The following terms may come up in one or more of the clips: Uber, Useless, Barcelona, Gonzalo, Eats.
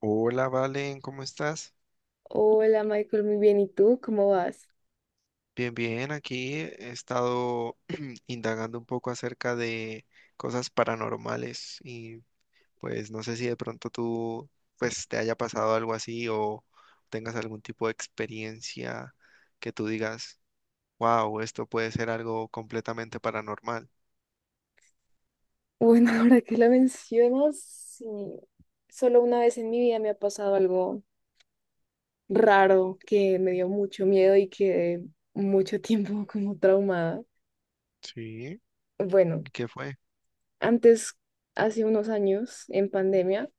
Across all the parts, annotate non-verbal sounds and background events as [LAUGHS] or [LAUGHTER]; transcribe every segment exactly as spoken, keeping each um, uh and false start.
Hola, Valen, ¿cómo estás? Hola Michael, muy bien. ¿Y tú? ¿Cómo vas? Bien, bien, aquí he estado [CLEARS THROAT] indagando un poco acerca de cosas paranormales y pues no sé si de pronto tú pues te haya pasado algo así o tengas algún tipo de experiencia que tú digas, wow, esto puede ser algo completamente paranormal. Bueno, [LAUGHS] ahora que lo mencionas, sí. Solo una vez en mi vida me ha pasado algo raro que me dio mucho miedo y quedé mucho tiempo [LAUGHS] como traumada. Sí, Bueno, ¿qué fue? antes, hace unos años, en pandemia,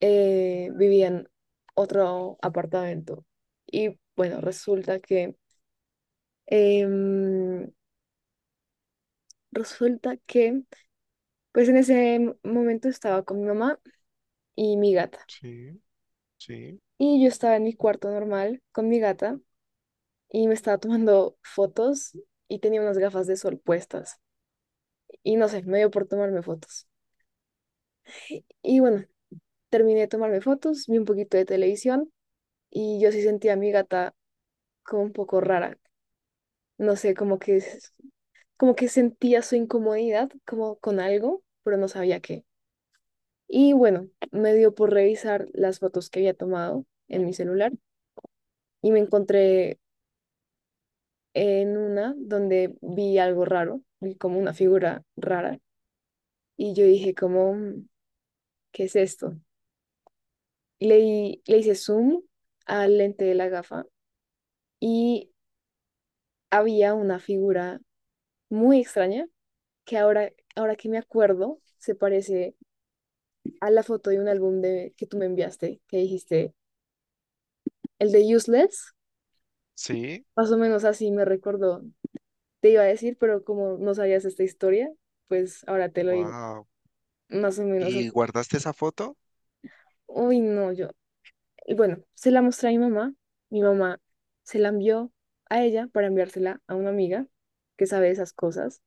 eh, vivía en otro apartamento. Y bueno, resulta que, em, resulta que, pues en ese momento estaba con mi mamá y mi gata. Sí, sí, Y yo estaba en mi cuarto normal con mi gata y me estaba tomando fotos y tenía unas gafas de sol puestas. Y no sé, me dio por tomarme fotos. Y bueno, terminé de tomarme fotos, vi un poquito de televisión y yo sí sentía a mi gata como un poco rara. No sé, como que, s- como que sentía su incomodidad como con algo, pero no sabía qué. Y bueno, me dio por revisar las fotos que había tomado en mi celular y me encontré en una donde vi algo raro, vi como una figura rara y yo dije como, "Mm, ¿qué es esto? Le, di le hice zoom al lente de la gafa y había una figura muy extraña que ahora, ahora que me acuerdo se parece a la foto de un álbum de, que tú me enviaste, que dijiste, el de Useless, sí, más o menos así me recordó. Te iba a decir, pero como no sabías esta historia, pues ahora te lo digo, wow. más o menos ¿Y así. guardaste esa foto? Uy, no, yo y bueno, se la mostré a mi mamá. Mi mamá se la envió a ella para enviársela a una amiga que sabe esas cosas.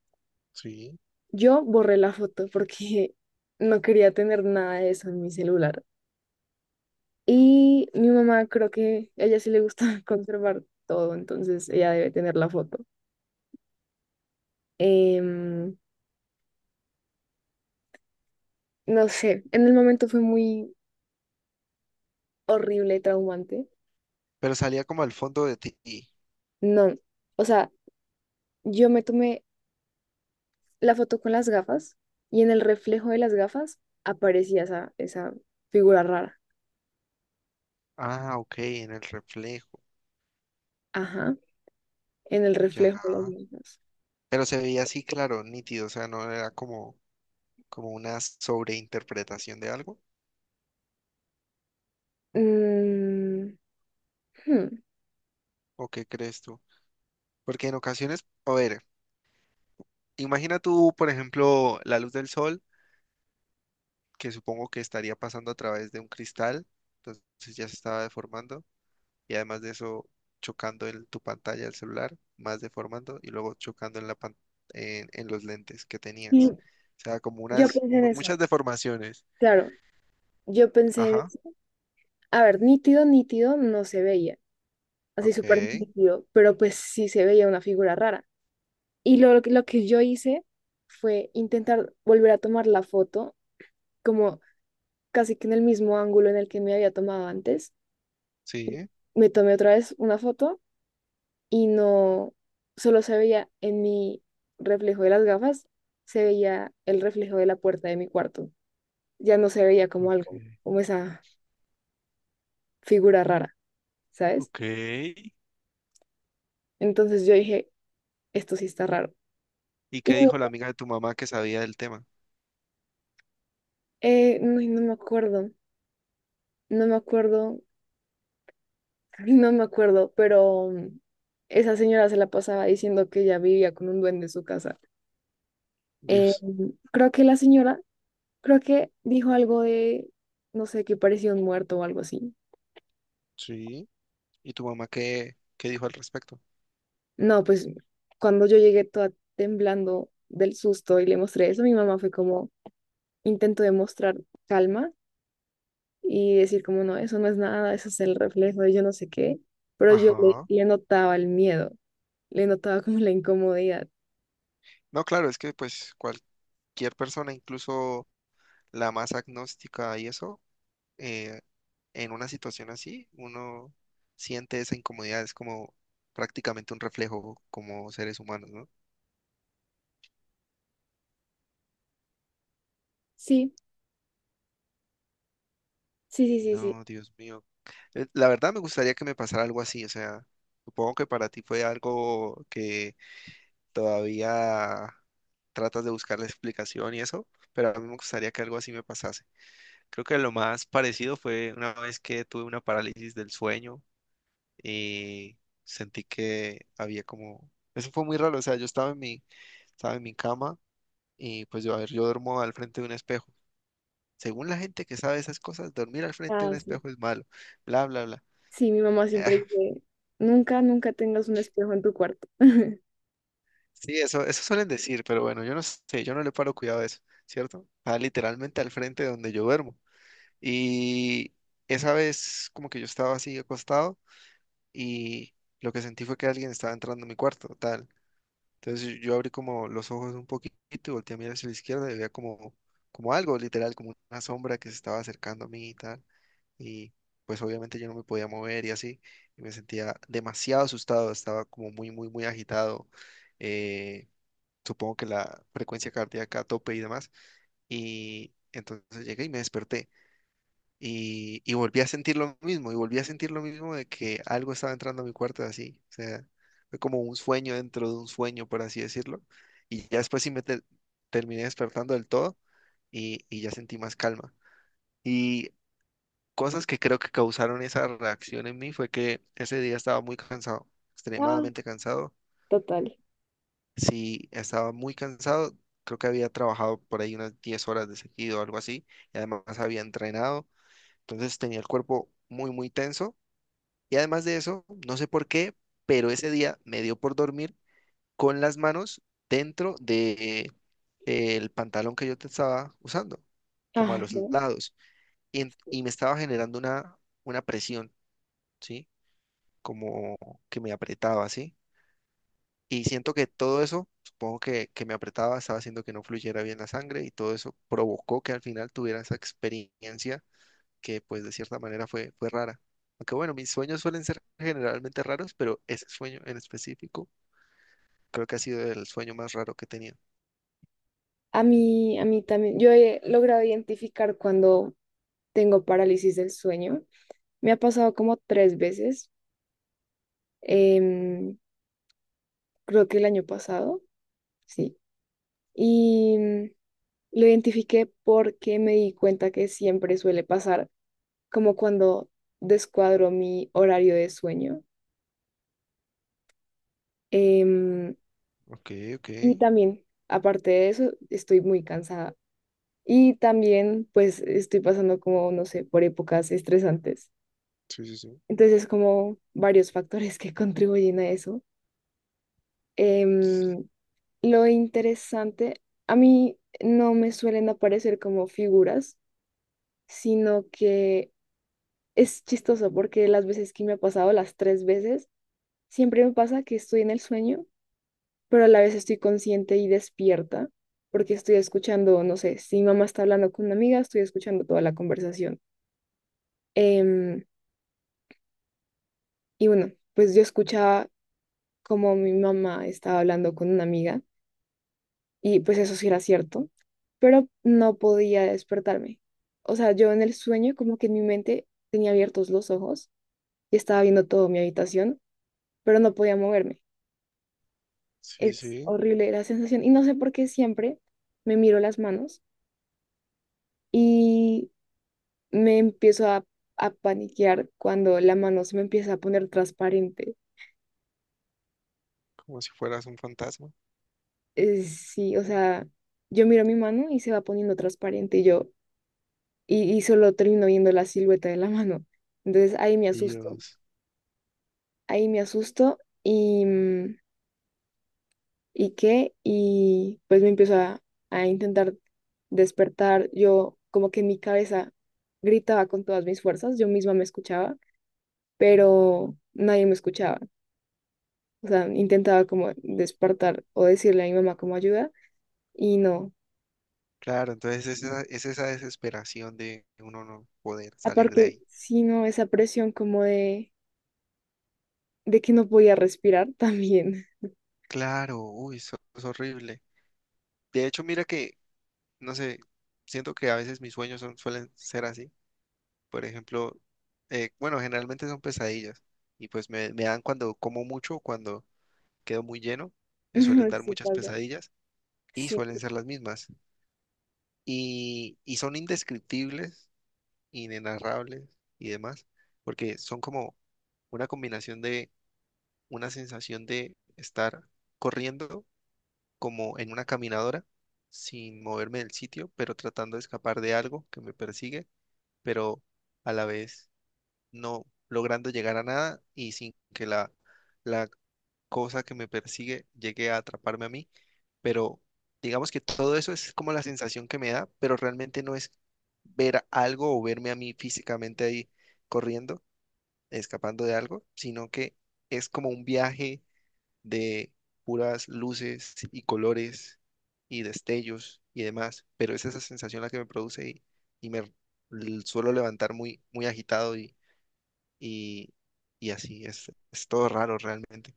Sí. Yo borré la foto porque [LAUGHS] no quería tener nada de eso en mi celular. Y mi mamá creo que a ella sí le gusta [LAUGHS] conservar todo, entonces ella debe tener la foto. Em, no sé, en el momento fue muy horrible, traumante. Pero salía como al fondo de ti. No, o sea, yo me tomé la foto con las gafas y en el reflejo de las gafas aparecía esa, esa figura rara. Ah, ok, en el reflejo, Ajá, en el ya. reflejo de las gafas. Pero se veía así, claro, nítido, o sea, no era como, como una sobreinterpretación de algo, Mm, hmm. ¿o qué crees tú? Porque en ocasiones, a ver, imagina tú, por ejemplo, la luz del sol, que supongo que estaría pasando a través de un cristal, entonces ya se estaba deformando, y además de eso, chocando en tu pantalla del celular, más deformando, y luego chocando en la pan- en, en los lentes que Y tenías. O sea, como Yo unas, pensé en mu- eso. muchas deformaciones. Claro, yo pensé en Ajá. eso. A ver, nítido, nítido no se veía, así Ok, súper nítido, pero pues sí se veía una figura rara. Y lo, lo que yo hice fue intentar volver a tomar la foto como casi que en el mismo ángulo en el que me había tomado antes. sí. Me tomé otra vez una foto y no, solo se veía en mi reflejo de las gafas, se veía el reflejo de la puerta de mi cuarto. Ya no se veía como Ok, algo, como esa figura rara, ¿sabes? ok. Entonces yo dije, esto sí está raro. ¿Y Y qué no, dijo la amiga de tu mamá que sabía del tema? eh, no, no me acuerdo, no me acuerdo, [LAUGHS] no me acuerdo, pero mm, esa señora se la pasaba diciendo que ella vivía con un duende en su casa. Eh, Dios, creo que la señora, creo que dijo algo de, no sé, que parecía un muerto o algo así. sí. ¿Y tu mamá qué, qué dijo al respecto? No, pues cuando yo llegué toda temblando del susto y le mostré eso, mi mamá fue como intento demostrar calma y decir como no, eso no es nada, eso es el reflejo de yo no sé qué, pero yo le, Ajá. le notaba el miedo, le notaba como la incomodidad. No, claro, es que pues cualquier persona, incluso la más agnóstica y eso, eh, en una situación así, uno siente esa incomodidad, es como prácticamente un reflejo como seres humanos, ¿no? Sí, sí, sí, sí, sí. No, Dios mío. Eh, La verdad me gustaría que me pasara algo así, o sea, supongo que para ti fue algo que todavía tratas de buscar la explicación y eso, pero a mí me gustaría que algo así me pasase. Creo que lo más parecido fue una vez que tuve una parálisis del sueño y sentí que había como... Eso fue muy raro, o sea, yo estaba en mi, estaba en mi cama y pues yo, a ver, yo duermo al frente de un espejo. Según la gente que sabe esas cosas, dormir al frente de Ah, un sí. espejo es malo, bla, bla, bla. Sí, mi mamá siempre Ah, dice, nunca, nunca tengas un espejo en tu cuarto. [LAUGHS] sí, eso, eso suelen decir, pero bueno, yo no sé, yo no le paro cuidado a eso, ¿cierto? Está literalmente al frente de donde yo duermo. Y esa vez como que yo estaba así acostado y lo que sentí fue que alguien estaba entrando a mi cuarto, tal. Entonces yo yo abrí como los ojos un poquito y volteé a mirar hacia la izquierda y veía como, como algo, literal, como una sombra que se estaba acercando a mí y tal. Y pues obviamente yo no me podía mover y así. Y me sentía demasiado asustado, estaba como muy, muy, muy agitado. Eh, supongo que la frecuencia cardíaca a tope y demás. Y entonces llegué y me desperté y, y volví a sentir lo mismo, y volví a sentir lo mismo de que algo estaba entrando a mi cuarto así. O sea, fue como un sueño dentro de un sueño, por así decirlo. Y ya después sí me te- terminé despertando del todo y, y ya sentí más calma. Y cosas que creo que causaron esa reacción en mí fue que ese día estaba muy cansado, Ah, extremadamente cansado. total. Sí, estaba muy cansado. Creo que había trabajado por ahí unas diez horas de seguido o algo así. Y además había entrenado. Entonces tenía el cuerpo muy, muy tenso. Y además de eso, no sé por qué, pero ese día me dio por dormir con las manos dentro de eh, el pantalón que yo te estaba usando, como a Ah, los no. lados, y, en- y me estaba generando una, una presión, ¿sí? Como que me apretaba, ¿sí? Y siento que todo eso, supongo que, que me apretaba, estaba haciendo que no fluyera bien la sangre y todo eso provocó que al final tuviera esa experiencia que pues de cierta manera fue, fue rara. Aunque bueno, mis sueños suelen ser generalmente raros, pero ese sueño en específico creo que ha sido el sueño más raro que he tenido. A mí, a mí también, yo he logrado identificar cuando tengo parálisis del sueño. Me ha pasado como tres veces, em, creo que el año pasado, sí. Y mm, lo identifiqué porque me di cuenta que siempre suele pasar, como cuando descuadro mi horario de sueño. Em, Ok, ok. y también, aparte de eso, estoy muy cansada. Y también, pues, estoy pasando como, no sé, por épocas estresantes. Sí, sí, sí. Entonces, como varios factores que [LAUGHS] contribuyen a eso. Em, Lo interesante, a mí no me suelen aparecer como figuras, sino que es chistoso porque las veces que me ha pasado, las tres veces, siempre me pasa que estoy en el sueño, pero a la vez estoy consciente y despierta porque estoy escuchando, no sé, si mi mamá está hablando con una amiga, estoy escuchando toda la conversación. Em, y bueno, pues yo escuchaba como mi mamá estaba hablando con una amiga. Y pues eso sí era cierto, pero no podía despertarme. O sea, yo en el sueño como que en mi mente tenía abiertos los ojos y estaba viendo todo mi habitación, pero no podía moverme. Sí, Es sí. horrible la sensación y no sé por qué siempre me miro las manos y me empiezo a, a paniquear cuando la mano se me empieza a poner transparente. Como si fueras un fantasma. Eh, sí, o sea, yo miro mi mano y se va poniendo transparente y yo y, y solo termino viendo la silueta de la mano. Entonces ahí me asusto. Dios. Ahí me asusto y, mm, ¿y qué? Y pues me empiezo a, a intentar despertar. Yo como que en mi cabeza gritaba con todas mis fuerzas, yo misma me escuchaba, pero nadie me escuchaba. O sea, intentaba como despertar o decirle a mi mamá como ayuda y no. Claro, entonces es esa, es esa desesperación de uno no poder salir de Aparte, ahí. sino esa presión como de, de que no podía respirar también. Claro, uy, eso es horrible. De hecho, mira que, no sé, siento que a veces mis sueños son, suelen ser así. Por ejemplo, eh, bueno, generalmente son pesadillas y pues me, me dan cuando como mucho, cuando quedo muy lleno, me suelen [LAUGHS] dar Sí muchas pasa. pesadillas y Sí, suelen ser las mismas. Y, y son indescriptibles, inenarrables y demás, porque son como una combinación de una sensación de estar corriendo como en una caminadora sin moverme del sitio, pero tratando de escapar de algo que me persigue, pero a la vez no logrando llegar a nada y sin que la, la cosa que me persigue llegue a atraparme a mí. Pero digamos que todo eso es como la sensación que me da, pero realmente no es ver algo o verme a mí físicamente ahí corriendo, escapando de algo, sino que es como un viaje de puras luces y colores y destellos y demás, pero es esa sensación la que me produce y, y me l- suelo levantar muy, muy agitado y y, y así es, es todo raro realmente.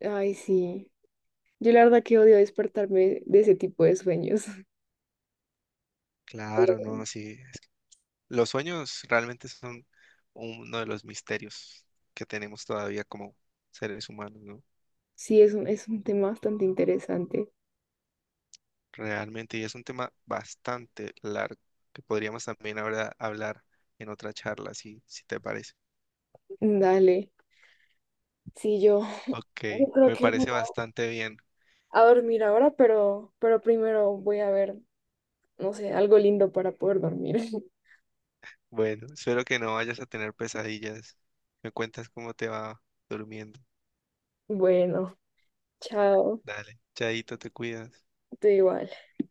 ay, sí. Yo la verdad que odio despertarme de ese tipo de sueños. Claro, no, así es. Los sueños realmente son uno de los misterios que tenemos todavía como seres humanos, ¿no? Sí, es un, es un tema bastante interesante. Realmente, y es un tema bastante largo que podríamos también ahora hablar en otra charla, si, si te parece. Dale. Sí, yo, [LAUGHS] Ok, yo creo me que me voy parece bastante bien. a dormir ahora, pero, pero primero voy a ver, no sé, algo lindo para poder dormir. [LAUGHS] Bueno, espero que no vayas a tener pesadillas. Me cuentas cómo te va durmiendo. Bueno, chao. Dale, Chaito, te cuidas. Tú igual.